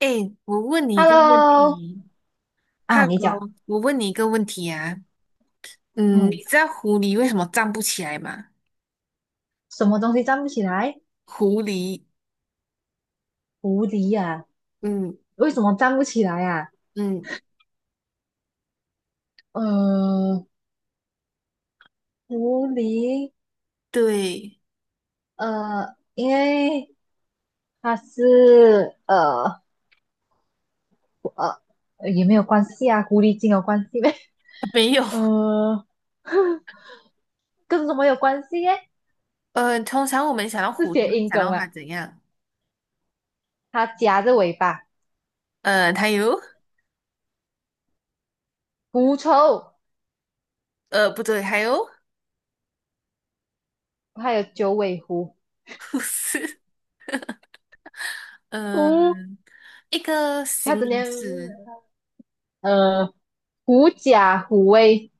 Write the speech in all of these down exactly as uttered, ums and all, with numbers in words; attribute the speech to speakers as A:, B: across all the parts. A: 哎，我问你一个问
B: Hello，
A: 题
B: 啊，你讲，
A: ，Hello，我问你一个问题啊，嗯，
B: 嗯，
A: 你知道狐狸为什么站不起来吗？
B: 什么东西站不起来？
A: 狐狸，
B: 狐狸呀？
A: 嗯
B: 为什么站不起来呀？
A: 嗯，
B: 呃，狐狸，
A: 对，
B: 呃，因为它是，呃，呃，也没有关系啊，狐狸精有关系呗？
A: 没有，
B: 呃，跟什么有关系耶？
A: 呃，通常我们想到
B: 是
A: 狐狸会
B: 谐音
A: 想
B: 梗
A: 到它
B: 嘛？
A: 怎样？
B: 它夹着尾巴，
A: 呃，它有，
B: 狐臭，
A: 呃，不对，还有，
B: 还有九尾狐，
A: 不是，
B: 狐，
A: 嗯、一个
B: 它
A: 形
B: 整天，
A: 容词，
B: 呃，狐假虎威，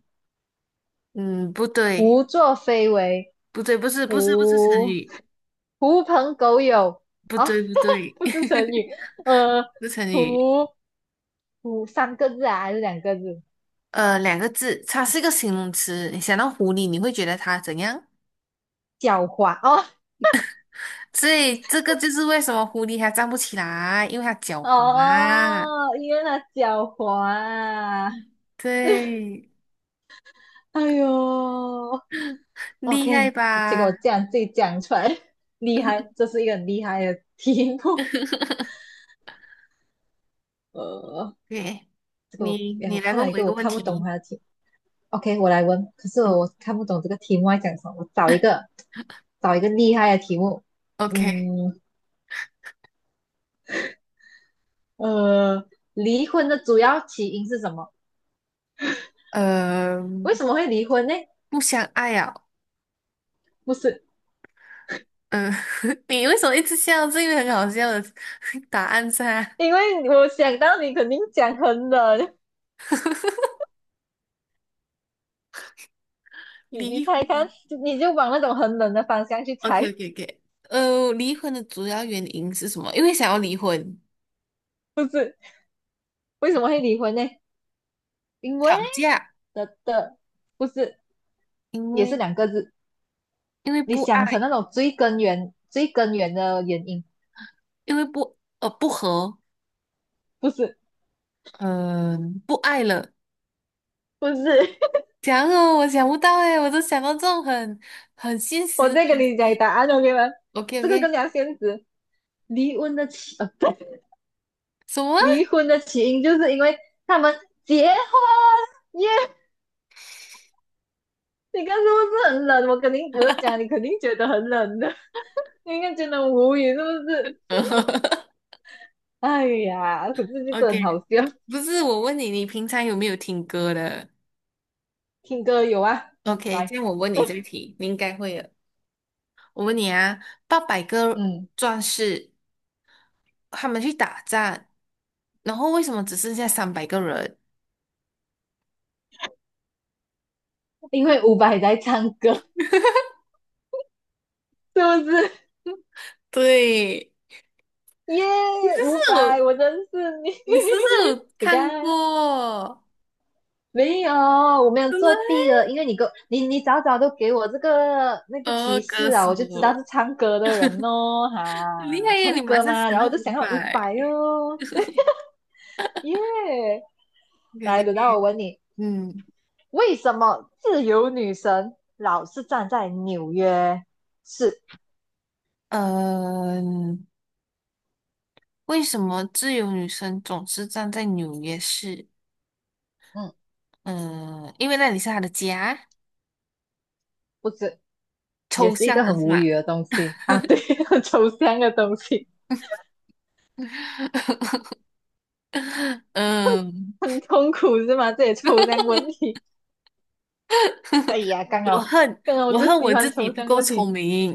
A: 嗯，不对，
B: 胡作非为。
A: 不对，不是，不是，不是成
B: 狐
A: 语，
B: 狐朋狗友
A: 不
B: 啊，
A: 对，不 对，
B: 不知成 语，呃，
A: 不是成语，
B: 狐狐三个字啊还是两个字？
A: 呃，两个字，它是一个形容词。你想到狐狸，你会觉得它怎样？
B: 狡猾哦。
A: 所以这个就是为什么狐狸它站不起来，因为它狡猾。
B: 哦，因为那狡猾啊，
A: 对，
B: 哎呦
A: 厉害
B: ，OK，结果
A: 吧？
B: 这样自己讲出来，厉害，这是一个很厉害的题目，呃，
A: 对，
B: 这个
A: 你
B: 哎，我
A: 你来
B: 看
A: 问
B: 到一
A: 我一
B: 个
A: 个
B: 我
A: 问
B: 看不懂
A: 题。
B: 它的题。 OK，我来问。可是
A: 嗯
B: 我看不懂这个题目要讲什么，我找一个找一个厉害的题目。
A: ，OK，
B: 嗯。呃，离婚的主要起因是什么？
A: 呃，
B: 为什么会离婚呢？
A: 不相爱啊，
B: 不是，
A: 嗯、你为什么一直笑？这个很好笑的 答案噻。
B: 因为我想到你肯定讲很冷，你你
A: 离
B: 猜看，
A: 婚。
B: 就你就往那种很冷的方向去
A: o k
B: 猜，
A: o k o k 呃，离婚的主要原因是什么？因为想要离婚。
B: 不是？为什么会离婚呢？因为
A: 吵架，
B: 的的，不是，
A: 因
B: 也是
A: 为
B: 两个字。
A: 因为
B: 你
A: 不爱，
B: 想成那种最根源、最根源的原因，
A: 因为不呃不和，
B: 不是，
A: 嗯、不爱了。
B: 不是。
A: 讲哦，我想不到哎，我都想到这种很很现实
B: 我
A: 的
B: 再跟
A: 东
B: 你讲
A: 西。
B: 答案，OK 吗？
A: OK
B: 这个更
A: OK，
B: 加现实。离婚的起，呃，不，
A: 什么
B: 离婚的起因就是因为他们结婚耶。你看是不是很冷？我肯定，我就讲你肯定觉得很冷的，你应该觉得无语是不是？哎呀，可是就是很好
A: ？OK，
B: 笑。
A: 不是我问你，你平常有没有听歌的
B: 听歌有啊，
A: ？OK，
B: 来，
A: 这样我问你这个题，你应该会的。我问你啊，八百个
B: 嗯，
A: 壮士他们去打仗，然后为什么只剩下三百个人？
B: 因为伍佰在唱歌，是不是？
A: 对，
B: 耶，
A: 你这
B: 伍佰，
A: 是。
B: 我认识你，
A: 你是不是有
B: 你
A: 看
B: 看。
A: 过？
B: 没有，我没有
A: 真的
B: 作弊
A: 欸？
B: 了，因为你给我你你早早都给我这个那个
A: 哦，
B: 提
A: 歌
B: 示啊，
A: 手，
B: 我就知道是唱歌的人哦，哈，
A: 你厉害耶！
B: 唱
A: 你马
B: 歌
A: 上
B: 嘛，
A: 想
B: 然后
A: 到
B: 我就
A: 五
B: 想要五
A: 百，
B: 百哦，对，耶，
A: 可以可
B: 来，
A: 以可
B: 轮到
A: 以
B: 我问你，
A: 嗯
B: 为什么自由女神老是站在纽约？是，
A: 嗯，为什么自由女神总是站在纽约市？
B: 嗯，
A: 嗯，因为那里是她的家，
B: 不是，也
A: 抽
B: 是一
A: 象
B: 个
A: 的
B: 很
A: 是
B: 无语
A: 吧？
B: 的东西啊，对，很抽象的东西，
A: 嗯，
B: 很痛苦是吗？这也抽象问题，哎呀，刚
A: 我
B: 好
A: 恨
B: 刚好我
A: 我
B: 就
A: 恨我
B: 喜欢
A: 自己
B: 抽
A: 不
B: 象
A: 够
B: 问题。
A: 聪明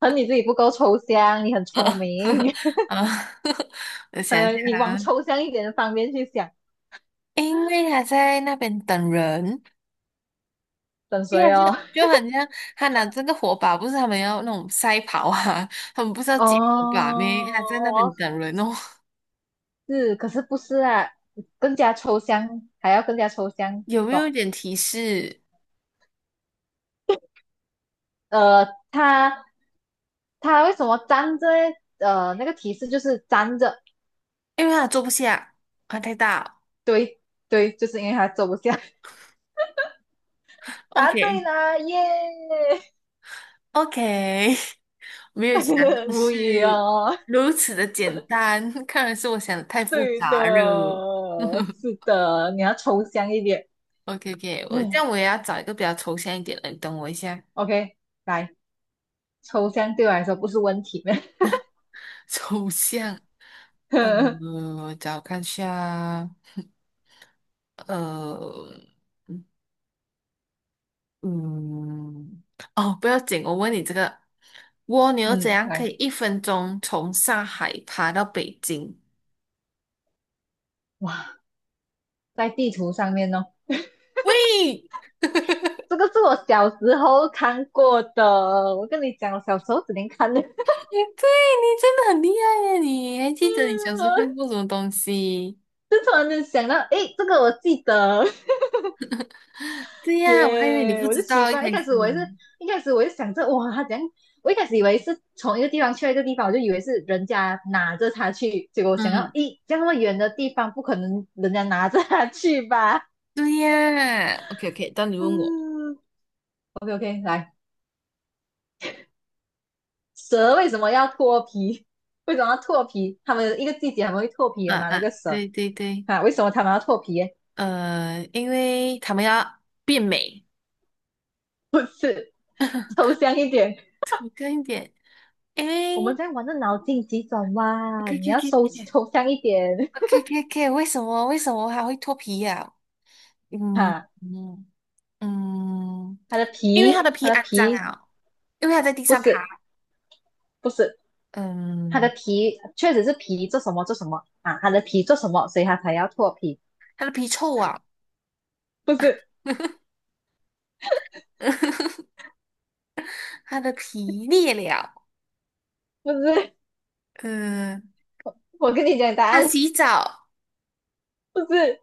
B: 可能你自己不够抽象，你很聪明，
A: 啊！我 想一
B: 呃，
A: 下
B: 你往
A: 啊，
B: 抽象一点的方面去想，
A: 因为他在那边等人。
B: 等
A: 对啊，
B: 谁
A: 就
B: 哦？
A: 就 很像他拿这个火把，不是他们要那种赛跑啊，他们不是要捡火把咩？他在那边
B: 哦，
A: 等人哦。
B: 是，可是不是啊？更加抽象，还要更加抽象
A: 有没有一
B: 搞。
A: 点提示？
B: 呃，他他为什么粘着嘞？呃，那个提示就是粘着，
A: 因为他坐不下，他太大。
B: 对对，就是因为他走不下。答对
A: OK
B: 啦，耶！
A: OK，没有想 到
B: 无语
A: 是
B: 哦，
A: 如此的简单，看来是我想的太复
B: 对的，
A: 杂了。
B: 是 的，你要抽象一点。
A: OK OK，我这
B: 嗯
A: 样我也要找一个比较抽象一点的，你等我一下。
B: ，OK，来。抽象对我来说不是问题的。
A: 抽象，嗯，我找看一下。呃，嗯，嗯哦，不要紧，我问你这个，蜗牛怎
B: 嗯，
A: 样可
B: 来，
A: 以一分钟从上海爬到北京？
B: 哇，在地图上面哦，
A: 喂，
B: 这个是我小时候看过的。我跟你讲，我小时候只能看的。
A: 对你真的很厉害呀！你还记得你小时候看过什么东西？
B: 就突然间想到，诶，这个我记得
A: 对呀，我还以为你
B: 耶
A: 不
B: yeah, 我就
A: 知
B: 奇
A: 道一
B: 怪，一
A: 开
B: 开
A: 始。
B: 始我也是，一开始我就想着，哇，他怎样？我一开始以为是从一个地方去到一个地方，我就以为是人家拿着它去，结果我想到，
A: 嗯，
B: 咦，这样那么远的地方，不可能人家拿着它去吧？
A: 对呀。OK OK，当你 问我，
B: 嗯，OK OK，来，蛇为什么要脱皮？为什么要脱皮？他们一个季节很们会脱皮
A: 啊
B: 的嘛？那
A: 啊，
B: 个蛇
A: 对对对，
B: 啊，为什么他们要脱皮？
A: 呃，因为他们要变美，
B: 不是，抽象一点，
A: 走近一点。
B: 我们
A: 诶，
B: 在玩的脑筋急转
A: K
B: 弯，你
A: K
B: 要
A: K
B: 抽抽象一点
A: K K K，为什么为什么还会脱皮呀、嗯
B: 哈。
A: 嗯嗯，
B: 它的
A: 因为它
B: 皮，
A: 的皮
B: 它的
A: 肮脏
B: 皮
A: 啊，因为它在地
B: 不
A: 上爬，
B: 是不是，它的
A: 嗯，
B: 皮确实是皮做什么做什么啊？它的皮做什么，所以它才要脱皮？
A: 它的皮臭啊，
B: 不是
A: 它的皮裂了，
B: 不是，
A: 嗯，
B: 我跟你讲答
A: 它
B: 案，
A: 洗澡，
B: 不是，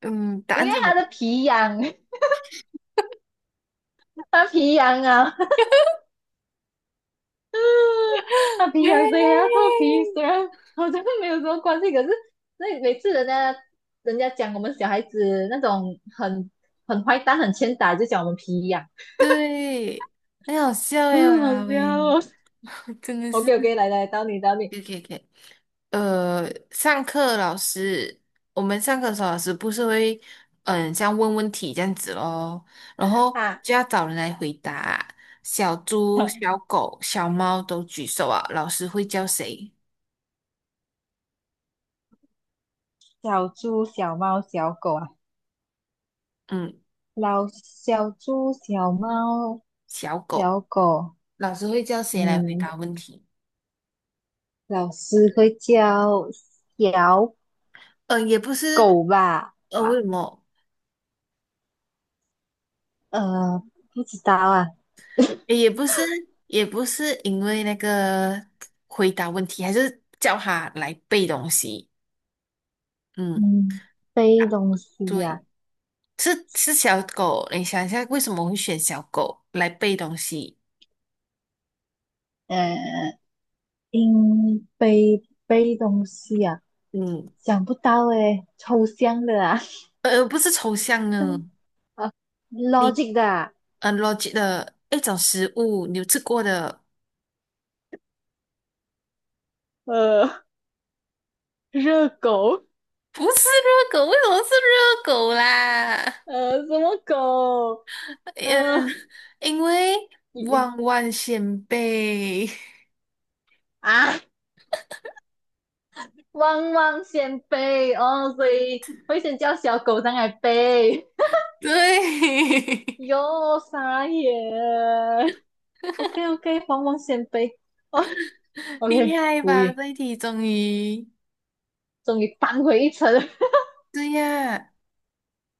A: 嗯，答
B: 因
A: 案
B: 为
A: 是什么？
B: 它的皮痒，它皮痒啊。他皮痒谁还要
A: 耶
B: 脱皮？虽然好像没有什么关系，可是那每次人家人家讲我们小孩子那种很很坏蛋、很欠打，就讲我们皮痒，
A: 对，很好笑 哎，哇
B: 嗯，
A: 啦
B: 好笑
A: 喂，
B: 哦。
A: 真的是。
B: OK OK，来来，到你到你
A: 可以可以可以呃，上课老师，我们上课的时候老师不是会，嗯，像问问题这样子咯，然后
B: 啊，
A: 就要找人来回答。小猪、小狗、小猫都举手啊，老师会叫谁？
B: 小猪、小猫、小狗啊，
A: 嗯，
B: 老小猪、小猫、
A: 小狗，
B: 小狗，
A: 老师会叫谁来回
B: 嗯，
A: 答问题？
B: 老师会叫小
A: 嗯，也不是，
B: 狗吧？
A: 呃，为
B: 啊，
A: 什么？
B: 呃，不知道啊。
A: 也也不是，也不是因为那个回答问题，还是叫他来背东西。嗯，
B: 嗯，
A: 啊
B: 背东西呀？
A: 对。是是小狗，你想一下，为什么会选小狗来背东西？
B: 呃，应背背东西呀？
A: 嗯，
B: 想不到诶，抽象的啊，
A: 呃，不是抽象
B: 对
A: 呢，
B: 啊
A: 你
B: ，logic 的啊，
A: 呃 l o 的一种食物，你有吃过的？
B: 呃，热狗，
A: 不是热狗，为什么是热狗啦？
B: 呃，什么狗？
A: 呃，
B: 呃，
A: 因为
B: 一
A: 万万先辈，
B: 啊，汪汪先背哦，所以会先叫小狗上来背，
A: 对，
B: 哟，傻眼，OK OK，汪汪先背，哦
A: 厉
B: ，OK，
A: 害
B: 无
A: 吧？
B: 语，
A: 这一题终于，
B: 终于扳回一城。
A: 对呀，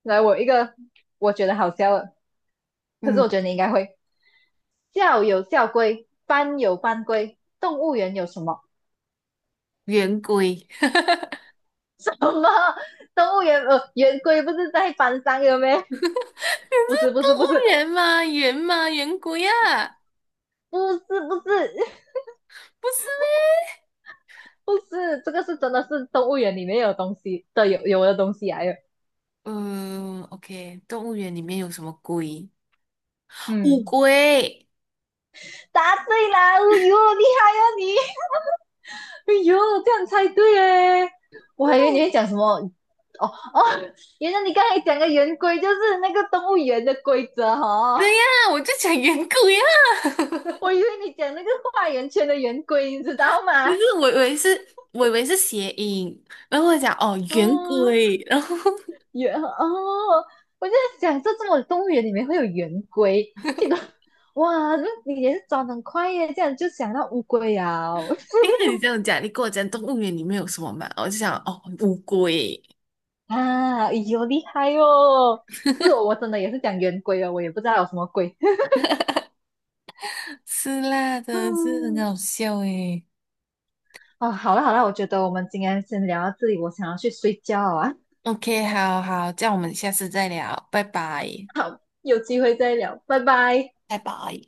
B: 来，我一个我觉得好笑的，可是我
A: 嗯，
B: 觉得你应该会。校有校规，班有班规，动物园有什么？
A: 圆规，你
B: 什么？动物园呃，园规不是在班上有没？不
A: 是
B: 是，不
A: 动
B: 是，不
A: 物
B: 是，
A: 园吗？圆吗？圆规啊？
B: 不是，不是，
A: 不是。
B: 不是，这个是真的是动物园里面有东西的，有有的东西来有。
A: 嗯，OK，动物园里面有什么龟？乌
B: 嗯，
A: 龟。
B: 答对了，哦哟，厉害哦你！哎呦，这样猜对哎！我还以为你会讲什么哦哦，原来你刚才讲的圆规就是那个动物园的规则哈。
A: 对
B: 哦
A: 呀，我就讲圆规呀，可
B: 我以为你讲那个画圆圈的圆规，你知道吗？
A: 是我以为是，我以为是谐音，然后我讲哦圆
B: 哦，
A: 规，然后
B: 圆哦，我就在想，这这么动物园里面会有圆规，这个哇，那你也是转很快耶，这样就想到乌龟啊
A: 因为你这样讲，你跟我讲动物园里面有什么嘛，我就想哦乌龟。
B: 啊，哎呦厉害哦！是我，我真的也是讲圆规哦，我也不知道有什么龟。
A: 是啦，真的是很
B: 嗯，
A: 好笑诶。
B: 哦，好了好了，我觉得我们今天先聊到这里，我想要去睡觉啊，
A: OK，好好，这样我们下次再聊，拜拜。
B: 有机会再聊，拜拜。
A: 拜拜。